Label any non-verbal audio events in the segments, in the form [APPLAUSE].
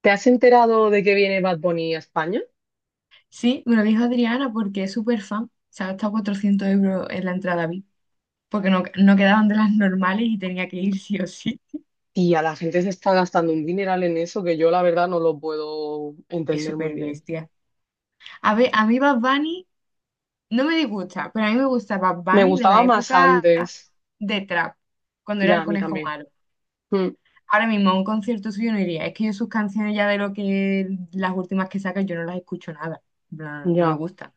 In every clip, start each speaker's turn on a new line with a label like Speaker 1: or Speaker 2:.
Speaker 1: ¿Te has enterado de que viene Bad Bunny a España?
Speaker 2: Sí, me lo dijo Adriana porque es súper fan. Se ha gastado 400 € en la entrada VIP porque no quedaban de las normales y tenía que ir sí o sí.
Speaker 1: Tía, la gente se está gastando un dineral en eso que yo la verdad no lo puedo
Speaker 2: Es
Speaker 1: entender muy
Speaker 2: súper
Speaker 1: bien.
Speaker 2: bestia. A ver, a mí Bad Bunny no me disgusta, pero a mí me gusta Bad
Speaker 1: Me
Speaker 2: Bunny de la
Speaker 1: gustaba más
Speaker 2: época
Speaker 1: antes.
Speaker 2: de Trap, cuando era
Speaker 1: Ya,
Speaker 2: el
Speaker 1: a mí
Speaker 2: conejo
Speaker 1: también.
Speaker 2: malo.
Speaker 1: Mm,
Speaker 2: Ahora mismo a un concierto suyo no iría. Es que yo sus canciones ya de lo que las últimas que saca yo no las escucho nada. En plan, no, me
Speaker 1: ya.
Speaker 2: gustan.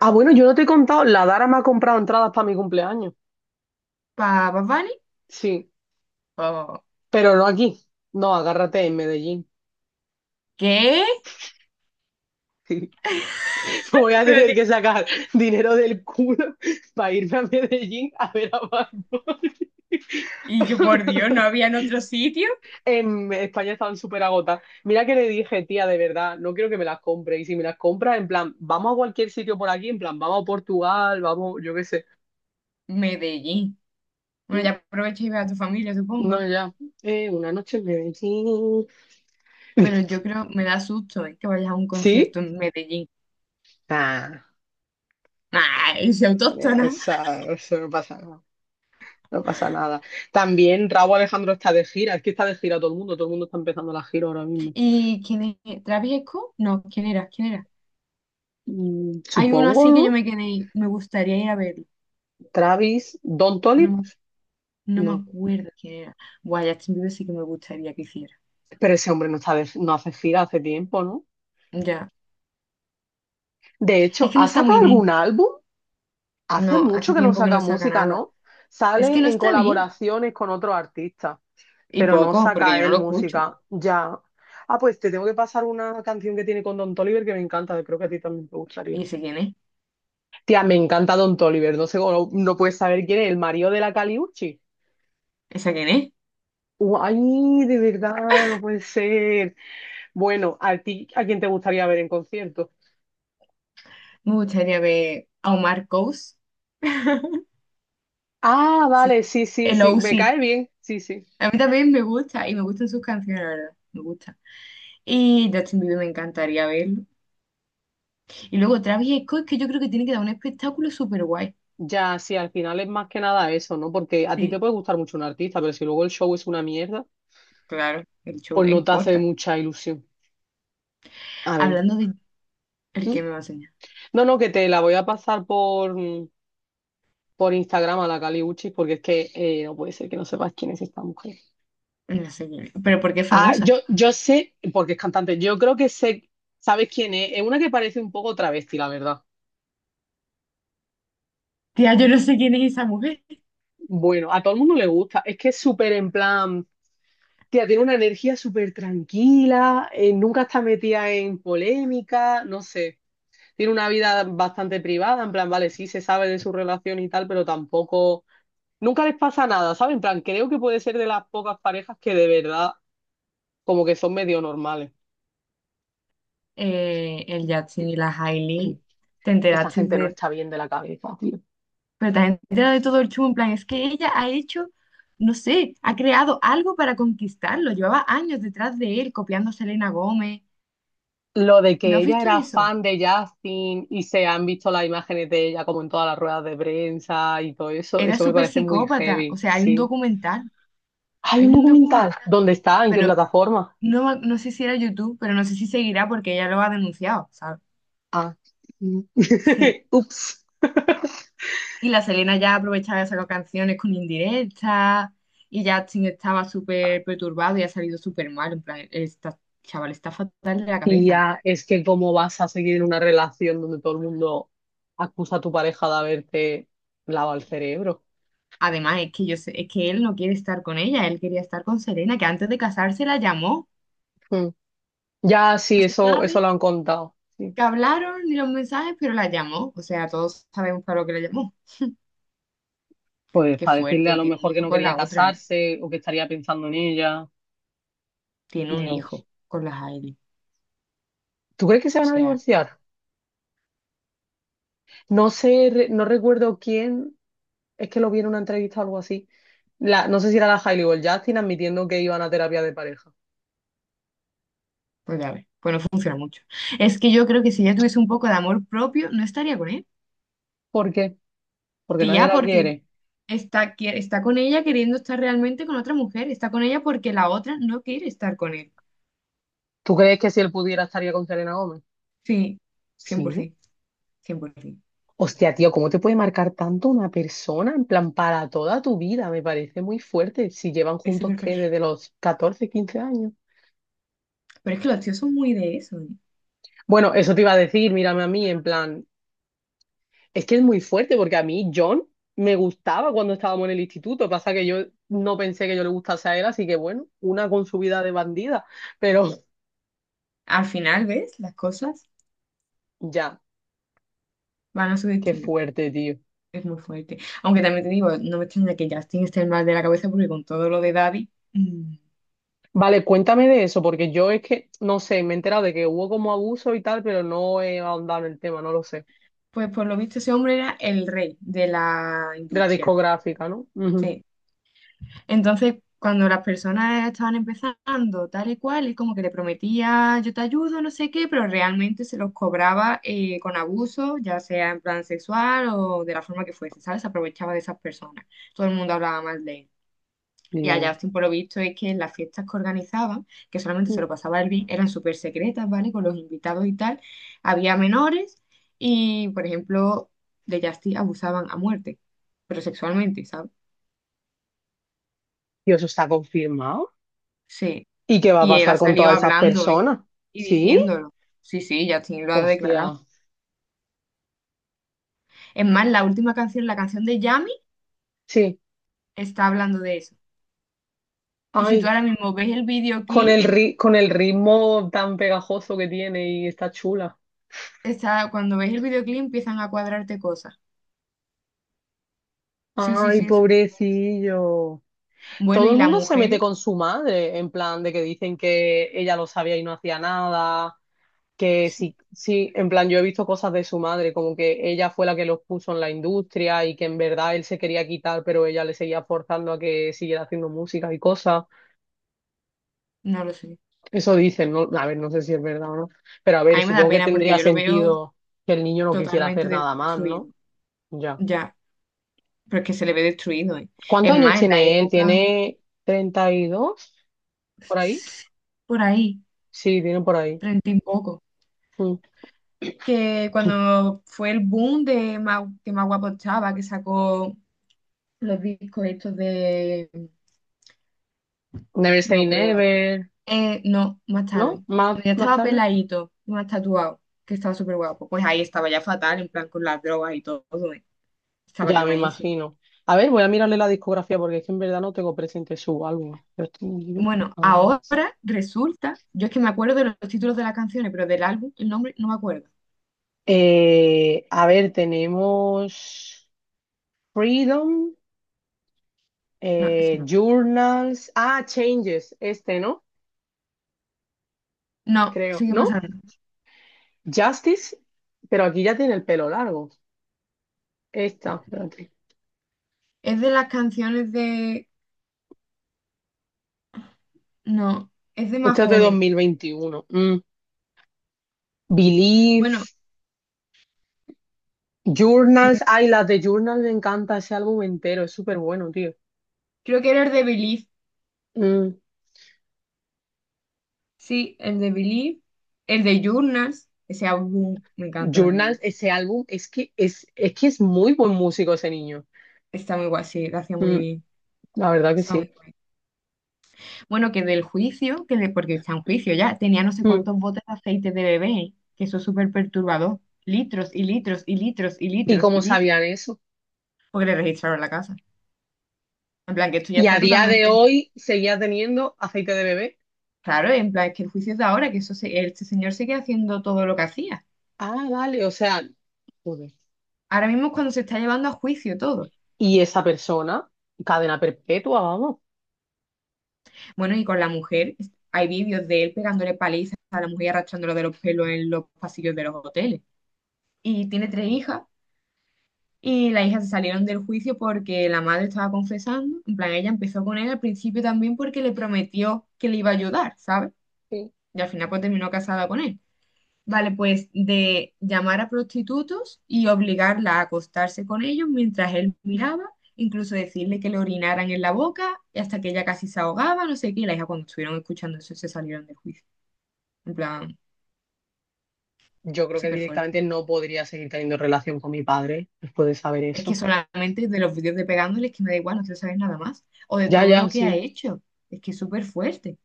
Speaker 1: Ah, bueno, yo no te he contado, la Dara me ha comprado entradas para mi cumpleaños.
Speaker 2: ¿Para Bad Bunny?
Speaker 1: Sí,
Speaker 2: Oh.
Speaker 1: pero no aquí. No, agárrate en Medellín.
Speaker 2: ¿Qué?
Speaker 1: [LAUGHS] Voy a tener
Speaker 2: Espérate.
Speaker 1: que sacar dinero del culo [LAUGHS] para irme a Medellín a ver a Bad Bunny.
Speaker 2: Y yo, por Dios, ¿no
Speaker 1: [LAUGHS]
Speaker 2: había en otro sitio?
Speaker 1: En España estaban súper agotadas. Mira que le dije, tía, de verdad, no quiero que me las compre. Y si me las compras, en plan, vamos a cualquier sitio por aquí, en plan, vamos a Portugal, vamos, yo qué sé.
Speaker 2: Medellín. Bueno,
Speaker 1: Mm,
Speaker 2: ya aprovecha y ve a tu familia, supongo.
Speaker 1: no, ya. Una noche en Medellín.
Speaker 2: Pero yo
Speaker 1: [LAUGHS]
Speaker 2: creo, me da susto que vayas a un
Speaker 1: ¿Sí?
Speaker 2: concierto en Medellín.
Speaker 1: Ah,
Speaker 2: ¡Ay, soy autóctona!
Speaker 1: eso no pasa nada. No pasa nada. También Raúl Alejandro está de gira. Es que está de gira todo el mundo. Todo el mundo está empezando la gira ahora mismo.
Speaker 2: ¿Y quién es? ¿Travis Scott? No, ¿quién era? ¿Quién era? Hay uno
Speaker 1: Supongo,
Speaker 2: así que yo
Speaker 1: ¿no?
Speaker 2: me quedé, me gustaría ir a verlo.
Speaker 1: Travis, Don
Speaker 2: No,
Speaker 1: Toliver,
Speaker 2: me- no me
Speaker 1: no.
Speaker 2: acuerdo quién era. Buah, Justin Bieber sí que me gustaría que hiciera.
Speaker 1: Pero ese hombre no hace gira hace tiempo, ¿no?
Speaker 2: Ya.
Speaker 1: De hecho,
Speaker 2: Es que no
Speaker 1: ¿ha
Speaker 2: está
Speaker 1: sacado
Speaker 2: muy
Speaker 1: algún
Speaker 2: bien.
Speaker 1: álbum? Hace
Speaker 2: No,
Speaker 1: mucho
Speaker 2: hace
Speaker 1: que no
Speaker 2: tiempo que
Speaker 1: saca
Speaker 2: no saca
Speaker 1: música,
Speaker 2: nada.
Speaker 1: ¿no?
Speaker 2: Es que
Speaker 1: Sale
Speaker 2: no
Speaker 1: en
Speaker 2: está bien.
Speaker 1: colaboraciones con otros artistas,
Speaker 2: Y
Speaker 1: pero no
Speaker 2: poco, porque yo
Speaker 1: saca
Speaker 2: no
Speaker 1: él
Speaker 2: lo escucho.
Speaker 1: música. Ya. Ah, pues te tengo que pasar una canción que tiene con Don Toliver que me encanta, creo que a ti también te gustaría.
Speaker 2: ¿Y ese quién es?
Speaker 1: Tía, me encanta Don Toliver, no sé, no, no puedes saber quién es, el marido de la Caliucci.
Speaker 2: ¿Esa quién es?
Speaker 1: Ay, de verdad, no puede ser. Bueno, ¿a ti a quién te gustaría ver en concierto?
Speaker 2: Me gustaría ver a Omar Coase. [LAUGHS]
Speaker 1: Ah,
Speaker 2: Sí,
Speaker 1: vale, sí, sí,
Speaker 2: el
Speaker 1: sí, me
Speaker 2: OC.
Speaker 1: cae bien, sí, sí.
Speaker 2: A mí también me gusta y me gustan sus canciones, la verdad. Me gusta. Y Justin Bieber me encantaría verlo. Y luego Travis Scott, que yo creo que tiene que dar un espectáculo súper guay.
Speaker 1: Ya, sí, al final es más que nada eso, ¿no? Porque a ti te
Speaker 2: Sí,
Speaker 1: puede gustar mucho un artista, pero si luego el show es una mierda,
Speaker 2: claro, el show
Speaker 1: pues
Speaker 2: no
Speaker 1: no te hace
Speaker 2: importa.
Speaker 1: mucha ilusión. A ver.
Speaker 2: Hablando de el
Speaker 1: ¿Mm?
Speaker 2: que me va a enseñar.
Speaker 1: No, no, que te la voy a pasar por, por Instagram a la Cali Uchis, porque es que no puede ser que no sepas quién es esta mujer.
Speaker 2: No sé quién es, pero porque es
Speaker 1: Ah,
Speaker 2: famosa.
Speaker 1: yo sé, porque es cantante, yo creo que sé, ¿sabes quién es? Es una que parece un poco travesti, la verdad.
Speaker 2: Tía, yo no sé quién es esa mujer.
Speaker 1: Bueno, a todo el mundo le gusta. Es que es súper en plan. Tía, tiene una energía súper tranquila, nunca está metida en polémica, no sé. Tiene una vida bastante privada, en plan, vale, sí se sabe de su relación y tal, pero tampoco, nunca les pasa nada, ¿sabes? En plan, creo que puede ser de las pocas parejas que de verdad como que son medio normales.
Speaker 2: El Justin y la Hailey.
Speaker 1: [CLEARS THROAT]
Speaker 2: ¿Te
Speaker 1: Esa
Speaker 2: enteraste
Speaker 1: gente no
Speaker 2: de
Speaker 1: está bien de la cabeza, tío.
Speaker 2: pero también te da de todo el chumbo, en plan, es que ella ha hecho, no sé, ha creado algo para conquistarlo? Llevaba años detrás de él, copiando a Selena Gómez.
Speaker 1: Lo de
Speaker 2: ¿No
Speaker 1: que
Speaker 2: has
Speaker 1: ella
Speaker 2: visto
Speaker 1: era
Speaker 2: eso?
Speaker 1: fan de Justin y se han visto las imágenes de ella como en todas las ruedas de prensa y todo eso,
Speaker 2: Era
Speaker 1: eso me
Speaker 2: súper
Speaker 1: parece muy
Speaker 2: psicópata. O
Speaker 1: heavy,
Speaker 2: sea, hay un
Speaker 1: sí.
Speaker 2: documental,
Speaker 1: Hay
Speaker 2: hay
Speaker 1: un
Speaker 2: un documental,
Speaker 1: documental. ¿Dónde está? ¿En qué
Speaker 2: pero
Speaker 1: plataforma?
Speaker 2: no, no sé si era YouTube, pero no sé si seguirá porque ella lo ha denunciado, ¿sabes?
Speaker 1: Ah. Mm.
Speaker 2: Sí.
Speaker 1: [LAUGHS] Ups.
Speaker 2: Y la Selena ya aprovechaba de sacar canciones con indirectas y Justin estaba súper perturbado y ha salido súper mal, en plan, esta chaval está fatal de la
Speaker 1: Y
Speaker 2: cabeza.
Speaker 1: ya, es que cómo vas a seguir en una relación donde todo el mundo acusa a tu pareja de haberte lavado el cerebro.
Speaker 2: Además, es que yo sé, es que él no quiere estar con ella, él quería estar con Serena, que antes de casarse la llamó.
Speaker 1: Mm. Ya,
Speaker 2: No
Speaker 1: sí,
Speaker 2: se
Speaker 1: eso
Speaker 2: sabe
Speaker 1: lo han contado. Sí.
Speaker 2: que hablaron ni los mensajes, pero la llamó. O sea, todos sabemos para lo que la llamó.
Speaker 1: Pues
Speaker 2: Qué
Speaker 1: para decirle
Speaker 2: fuerte,
Speaker 1: a
Speaker 2: y
Speaker 1: lo
Speaker 2: tiene un
Speaker 1: mejor que
Speaker 2: hijo
Speaker 1: no
Speaker 2: con
Speaker 1: quería
Speaker 2: la otra, ¿eh?
Speaker 1: casarse o que estaría pensando en ella.
Speaker 2: Tiene un
Speaker 1: Dios.
Speaker 2: hijo con la Hailey.
Speaker 1: ¿Tú crees que se
Speaker 2: O
Speaker 1: van a
Speaker 2: sea,
Speaker 1: divorciar? No sé, no recuerdo quién es que lo vi en una entrevista o algo así. No sé si era la Hailey o el Justin admitiendo que iban a terapia de pareja.
Speaker 2: pues ya ves, pues no funciona mucho. Es que yo creo que si ella tuviese un poco de amor propio, no estaría con él.
Speaker 1: ¿Por qué? Porque nadie
Speaker 2: Tía,
Speaker 1: la
Speaker 2: porque
Speaker 1: quiere.
Speaker 2: está, está con ella queriendo estar realmente con otra mujer, está con ella porque la otra no quiere estar con él.
Speaker 1: ¿Tú crees que si él pudiera estaría con Selena Gómez?
Speaker 2: Sí, cien por
Speaker 1: Sí,
Speaker 2: ciento, cien por 100%.
Speaker 1: hostia, tío, ¿cómo te puede marcar tanto una persona? En plan, para toda tu vida, me parece muy fuerte. Si llevan
Speaker 2: Es
Speaker 1: juntos,
Speaker 2: súper.
Speaker 1: ¿qué? Desde los 14 15 años.
Speaker 2: Pero es que los tíos son muy de eso, ¿eh?
Speaker 1: Bueno, eso te iba a decir, mírame a mí, en plan, es que es muy fuerte porque a mí John me gustaba cuando estábamos en el instituto. Pasa que yo no pensé que yo le gustase a él, así que bueno, una con su vida de bandida. Pero
Speaker 2: Al final, ¿ves? Las cosas
Speaker 1: [LAUGHS] ya,
Speaker 2: van a su
Speaker 1: qué
Speaker 2: destino.
Speaker 1: fuerte, tío.
Speaker 2: Es muy fuerte. Aunque también te digo, no me extraña que Justin esté mal de la cabeza porque con todo lo de Daddy,
Speaker 1: Vale, cuéntame de eso, porque yo es que, no sé, me he enterado de que hubo como abuso y tal, pero no he ahondado en el tema, no lo sé.
Speaker 2: pues por lo visto ese hombre era el rey de la
Speaker 1: De la
Speaker 2: industria.
Speaker 1: discográfica, ¿no? Ujú.
Speaker 2: Sí. Entonces, cuando las personas estaban empezando tal y cual, es como que le prometía yo te ayudo, no sé qué, pero realmente se los cobraba con abuso, ya sea en plan sexual o de la forma que fuese, ¿sabes? Se aprovechaba de esas personas. Todo el mundo hablaba mal de él. Y a
Speaker 1: Dios.
Speaker 2: Justin, por lo visto, es que las fiestas que organizaban, que solamente se
Speaker 1: Mm.
Speaker 2: lo pasaba él bien, eran súper secretas, ¿vale? Con los invitados y tal. Había menores y, por ejemplo, de Justin abusaban a muerte, pero sexualmente, ¿sabes?
Speaker 1: Dios, ¿eso está confirmado?
Speaker 2: Sí.
Speaker 1: ¿Y qué va a
Speaker 2: Y él ha
Speaker 1: pasar con
Speaker 2: salido
Speaker 1: todas esas
Speaker 2: hablando, ¿eh?
Speaker 1: personas?
Speaker 2: Y
Speaker 1: ¿Sí?
Speaker 2: diciéndolo. Sí, sí, Justin lo ha declarado.
Speaker 1: Hostia.
Speaker 2: Es más, la última canción, la canción de Yami,
Speaker 1: Sí.
Speaker 2: está hablando de eso. Y si tú
Speaker 1: Ay,
Speaker 2: ahora mismo ves el
Speaker 1: Con
Speaker 2: videoclip,
Speaker 1: el ri- con el ritmo tan pegajoso que tiene y está chula.
Speaker 2: está, cuando ves el videoclip empiezan a cuadrarte cosas. Sí, sí,
Speaker 1: Ay,
Speaker 2: sí, eso.
Speaker 1: pobrecillo.
Speaker 2: Bueno,
Speaker 1: Todo
Speaker 2: y
Speaker 1: el
Speaker 2: la
Speaker 1: mundo se mete
Speaker 2: mujer.
Speaker 1: con su madre, en plan de que dicen que ella lo sabía y no hacía nada, que sí, sí, en plan yo he visto cosas de su madre, como que ella fue la que los puso en la industria y que en verdad él se quería quitar, pero ella le seguía forzando a que siguiera haciendo música y cosas.
Speaker 2: No lo sé.
Speaker 1: Eso dicen, ¿no? A ver, no sé si es verdad o no, pero a
Speaker 2: A
Speaker 1: ver,
Speaker 2: mí me da
Speaker 1: supongo que
Speaker 2: pena porque
Speaker 1: tendría
Speaker 2: yo lo veo
Speaker 1: sentido que el niño no quisiera
Speaker 2: totalmente
Speaker 1: hacer nada más, ¿no?
Speaker 2: destruido.
Speaker 1: Ya.
Speaker 2: Ya, pero es que se le ve destruido, ¿eh?
Speaker 1: ¿Cuántos
Speaker 2: Es
Speaker 1: años
Speaker 2: más, en la
Speaker 1: tiene él?
Speaker 2: época,
Speaker 1: ¿Tiene 32? ¿Por ahí?
Speaker 2: por ahí,
Speaker 1: Sí, tiene por ahí.
Speaker 2: treinta y poco,
Speaker 1: Mm.
Speaker 2: que cuando fue el boom de que Más Guapo Estaba, que sacó los discos estos de...
Speaker 1: Never
Speaker 2: No me
Speaker 1: Say
Speaker 2: acuerdo.
Speaker 1: Never,
Speaker 2: No, más
Speaker 1: ¿no?
Speaker 2: tarde. Cuando
Speaker 1: Más,
Speaker 2: ya
Speaker 1: más
Speaker 2: estaba
Speaker 1: tarde.
Speaker 2: peladito, más tatuado, que estaba súper guapo, pues ahí estaba ya fatal, en plan con las drogas y todo, ¿eh? Estaba
Speaker 1: Ya, me
Speaker 2: quemadísimo.
Speaker 1: imagino. A ver, voy a mirarle la discografía porque es que en verdad no tengo presente su álbum. Pero
Speaker 2: Bueno,
Speaker 1: a ver,
Speaker 2: ahora resulta, yo es que me acuerdo de los títulos de las canciones, pero del álbum, el nombre no me acuerdo.
Speaker 1: a ver, tenemos Freedom,
Speaker 2: No, ese no.
Speaker 1: Journals, ah, Changes, este, ¿no?
Speaker 2: No,
Speaker 1: Creo,
Speaker 2: sigue
Speaker 1: ¿no?
Speaker 2: pasando.
Speaker 1: Justice, pero aquí ya tiene el pelo largo. Esta, espérate.
Speaker 2: Es de las canciones de... No, es de más
Speaker 1: Esta es de
Speaker 2: joven.
Speaker 1: 2021. Mm.
Speaker 2: Bueno,
Speaker 1: Believe, Journals. Ay, las de Journals me encanta ese álbum entero. Es súper bueno, tío.
Speaker 2: creo que era el de Believe.
Speaker 1: Mm.
Speaker 2: Sí, el de Believe. El de Journals. Ese álbum me encanta también a mí.
Speaker 1: Journals, ese álbum, es que es muy buen músico ese niño.
Speaker 2: Está muy guay, sí, lo hacía muy
Speaker 1: Mm,
Speaker 2: bien.
Speaker 1: La verdad que sí.
Speaker 2: Bueno, que del juicio, que de, porque está en juicio ya, tenía no sé
Speaker 1: Mm.
Speaker 2: cuántos botes de aceite de bebé, que eso es súper perturbador. Litros y litros y litros y
Speaker 1: ¿Y
Speaker 2: litros
Speaker 1: cómo
Speaker 2: y litros,
Speaker 1: sabían eso?
Speaker 2: porque le registraron la casa. En plan, que esto ya
Speaker 1: Y
Speaker 2: está
Speaker 1: a día de
Speaker 2: totalmente
Speaker 1: hoy seguía teniendo aceite de bebé.
Speaker 2: claro, en plan, es que el juicio es de ahora, que este señor sigue haciendo todo lo que hacía.
Speaker 1: Ah, vale, o sea, joder.
Speaker 2: Ahora mismo es cuando se está llevando a juicio todo.
Speaker 1: Y esa persona, cadena perpetua, vamos.
Speaker 2: Bueno, y con la mujer, hay vídeos de él pegándole palizas a la mujer y arrastrándolo de los pelos en los pasillos de los hoteles. Y tiene 3 hijas. Y las hijas se salieron del juicio porque la madre estaba confesando. En plan, ella empezó con él al principio también porque le prometió que le iba a ayudar, ¿sabes?
Speaker 1: Sí.
Speaker 2: Y al final pues terminó casada con él. Vale, pues de llamar a prostitutos y obligarla a acostarse con ellos mientras él miraba, incluso decirle que le orinaran en la boca y hasta que ella casi se ahogaba, no sé qué. Y la hija cuando estuvieron escuchando eso se salieron del juicio. En plan,
Speaker 1: Yo creo que
Speaker 2: súper
Speaker 1: directamente
Speaker 2: fuerte.
Speaker 1: no podría seguir teniendo relación con mi padre después de saber
Speaker 2: Es que
Speaker 1: eso.
Speaker 2: solamente de los vídeos de pegándole es que me da igual, no quiero saber nada más. O de
Speaker 1: Ya,
Speaker 2: todo
Speaker 1: ya,
Speaker 2: lo que ha
Speaker 1: sí.
Speaker 2: hecho. Es que es súper fuerte.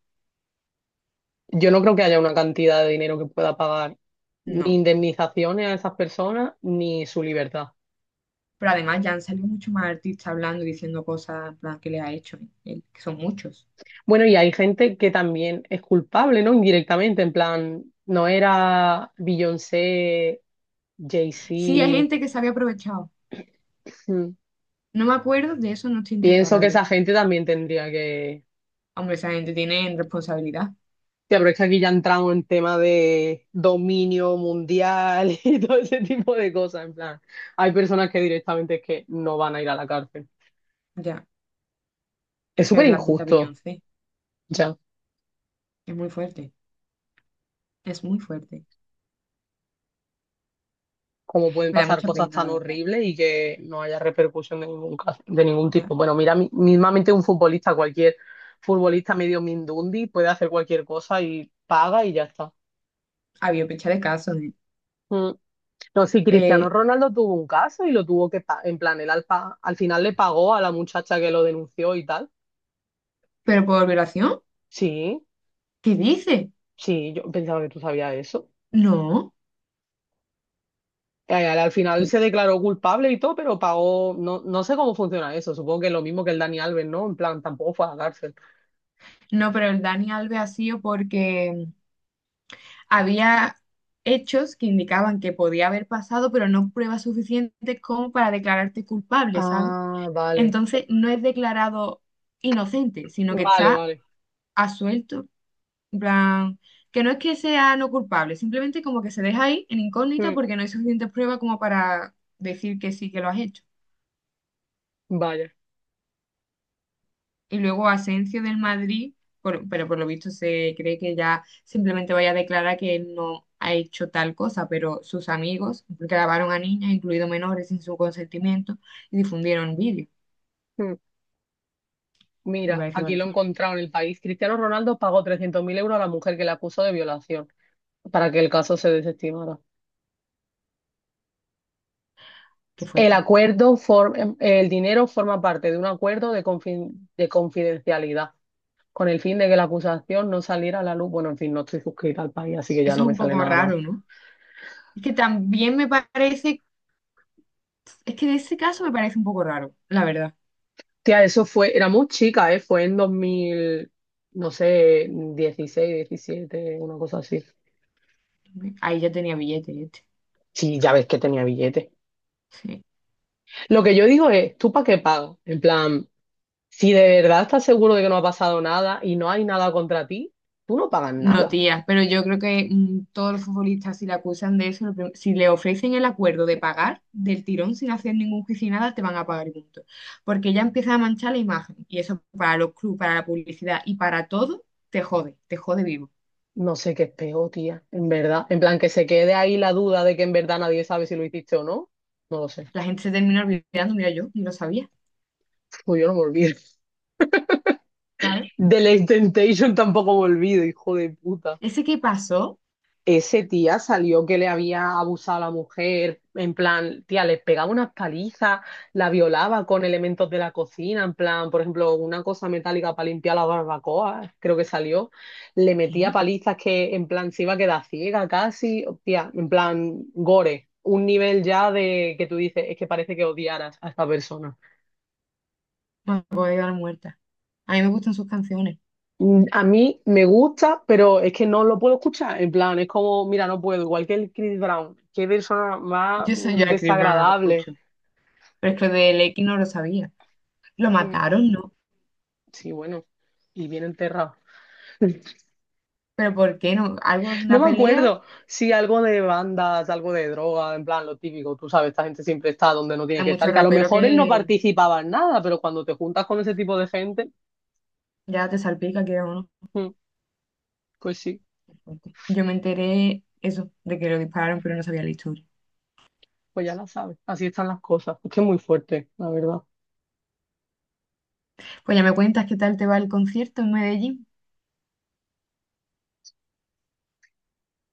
Speaker 1: Yo no creo que haya una cantidad de dinero que pueda pagar ni
Speaker 2: No.
Speaker 1: indemnizaciones a esas personas ni su libertad.
Speaker 2: Pero además ya han salido mucho más artistas hablando y diciendo cosas en plan, que le ha hecho, él, que son muchos.
Speaker 1: Bueno, y hay gente que también es culpable, ¿no? Indirectamente, en plan, no era Beyoncé,
Speaker 2: Sí, hay
Speaker 1: Jay-Z.
Speaker 2: gente que se había aprovechado.
Speaker 1: Mm.
Speaker 2: No me acuerdo, de eso no estoy enterada,
Speaker 1: Pienso
Speaker 2: la
Speaker 1: que
Speaker 2: verdad.
Speaker 1: esa gente también tendría que...
Speaker 2: Hombre, esa gente tiene responsabilidad.
Speaker 1: Tía, pero es que aquí ya entramos en tema de dominio mundial [LAUGHS] y todo ese tipo de cosas, en plan. Hay personas que directamente es que no van a ir a la cárcel.
Speaker 2: Ya.
Speaker 1: Es
Speaker 2: Es que
Speaker 1: súper
Speaker 2: es la puta
Speaker 1: injusto.
Speaker 2: Beyoncé.
Speaker 1: Ya.
Speaker 2: Es muy fuerte. Es muy fuerte.
Speaker 1: Cómo pueden
Speaker 2: Me da
Speaker 1: pasar
Speaker 2: mucha
Speaker 1: cosas
Speaker 2: pena,
Speaker 1: tan
Speaker 2: la verdad.
Speaker 1: horribles y que no haya repercusión de de ningún
Speaker 2: Ya.
Speaker 1: tipo. Bueno, mira, mismamente un futbolista, cualquier futbolista medio mindundi puede hacer cualquier cosa y paga y ya está.
Speaker 2: Había pecha de casos, ¿eh?
Speaker 1: Mm. No, sí, Cristiano
Speaker 2: Eh,
Speaker 1: Ronaldo tuvo un caso y lo tuvo que, en plan, al final le pagó a la muchacha que lo denunció y tal.
Speaker 2: ¿Pero por violación?
Speaker 1: Sí,
Speaker 2: ¿Qué dice?
Speaker 1: sí, yo pensaba que tú sabías eso.
Speaker 2: No.
Speaker 1: Al final se declaró culpable y todo, pero pagó, no, no sé cómo funciona eso, supongo que es lo mismo que el Dani Alves, ¿no? En plan, tampoco fue a la cárcel.
Speaker 2: No, pero el Dani Alves ha sido porque había hechos que indicaban que podía haber pasado, pero no pruebas suficientes como para declararte culpable, ¿sabes?
Speaker 1: Ah, vale,
Speaker 2: Entonces no es declarado inocente, sino que
Speaker 1: vale,
Speaker 2: está
Speaker 1: vale.
Speaker 2: a suelto, en plan, que no es que sea no culpable, simplemente como que se deja ahí en incógnita
Speaker 1: Mm,
Speaker 2: porque no hay suficientes pruebas como para decir que sí que lo has hecho.
Speaker 1: vaya.
Speaker 2: Y luego Asencio del Madrid, pero por lo visto se cree que ya simplemente vaya a declarar que él no ha hecho tal cosa, pero sus amigos grabaron a niñas, incluidos menores, sin su consentimiento y difundieron vídeos,
Speaker 1: Mm.
Speaker 2: que me
Speaker 1: Mira,
Speaker 2: parece igual
Speaker 1: aquí lo
Speaker 2: de
Speaker 1: he
Speaker 2: fuerte.
Speaker 1: encontrado en el país. Cristiano Ronaldo pagó 300.000 euros a la mujer que le acusó de violación para que el caso se desestimara.
Speaker 2: Qué
Speaker 1: El
Speaker 2: fuerte.
Speaker 1: acuerdo for- el dinero forma parte de un acuerdo de confidencialidad con el fin de que la acusación no saliera a la luz. Bueno, en fin, no estoy suscrita al país, así que ya
Speaker 2: Eso
Speaker 1: no
Speaker 2: es
Speaker 1: me
Speaker 2: un
Speaker 1: sale
Speaker 2: poco
Speaker 1: nada más.
Speaker 2: raro, ¿no? Es que también me parece, es que de ese caso me parece un poco raro, la verdad.
Speaker 1: Tía, eso fue, era muy chica, ¿eh? Fue en 2000, no sé, 16, 17, una cosa así.
Speaker 2: Ahí ya tenía billete este.
Speaker 1: Sí, ya ves que tenía billetes.
Speaker 2: Sí.
Speaker 1: Lo que yo digo es, ¿tú para qué pagas? En plan, si de verdad estás seguro de que no ha pasado nada y no hay nada contra ti, tú no pagas
Speaker 2: No,
Speaker 1: nada.
Speaker 2: tía, pero yo creo que todos los futbolistas, si le acusan de eso, si le ofrecen el acuerdo de pagar del tirón sin hacer ningún juicio y nada, te van a pagar y punto. Porque ya empieza a manchar la imagen. Y eso para los clubes, para la publicidad y para todo, te jode vivo.
Speaker 1: No sé qué es peor, tía, en verdad. En plan, que se quede ahí la duda de que en verdad nadie sabe si lo hiciste o no. No lo sé.
Speaker 2: La gente se termina olvidando, mira, yo ni lo sabía,
Speaker 1: Pues yo no me olvido. [LAUGHS]
Speaker 2: ¿sabes?
Speaker 1: De la Temptation tampoco me olvido, hijo de puta.
Speaker 2: Ese que pasó,
Speaker 1: Ese tía salió que le había abusado a la mujer, en plan, tía, le pegaba unas palizas, la violaba con elementos de la cocina, en plan, por ejemplo, una cosa metálica para limpiar la barbacoa, creo que salió, le metía
Speaker 2: ¿qué?
Speaker 1: palizas que en plan se iba a quedar ciega casi, tía, en plan, gore, un nivel ya de que tú dices, es que parece que odiaras a esta persona.
Speaker 2: Bueno, me voy a quedar muerta. A mí me gustan sus canciones.
Speaker 1: A mí me gusta, pero es que no lo puedo escuchar. En plan, es como, mira, no puedo. Igual que el Chris Brown. Qué persona más
Speaker 2: Yo soy yo a Chris Brown, no lo
Speaker 1: desagradable.
Speaker 2: escucho. Pero es
Speaker 1: Que-
Speaker 2: que del X no lo sabía. Lo
Speaker 1: mm,
Speaker 2: mataron, ¿no?
Speaker 1: sí, bueno. Y bien enterrado. [LAUGHS]
Speaker 2: ¿Pero por qué no? ¿Algo de
Speaker 1: No
Speaker 2: una
Speaker 1: me
Speaker 2: pelea?
Speaker 1: acuerdo si algo de bandas, algo de droga, en plan, lo típico. Tú sabes, esta gente siempre está donde no tiene
Speaker 2: Hay
Speaker 1: que estar.
Speaker 2: mucho
Speaker 1: Que a lo
Speaker 2: rapero
Speaker 1: mejor él no
Speaker 2: que
Speaker 1: participaba en nada, pero cuando te juntas con ese tipo de gente,
Speaker 2: ya te salpica que es uno.
Speaker 1: mm, pues sí,
Speaker 2: Yo me enteré eso, de que lo dispararon, pero no sabía la historia.
Speaker 1: pues ya la sabes. Así están las cosas. Es que es muy fuerte, la verdad.
Speaker 2: Pues ya me cuentas qué tal te va el concierto en Medellín.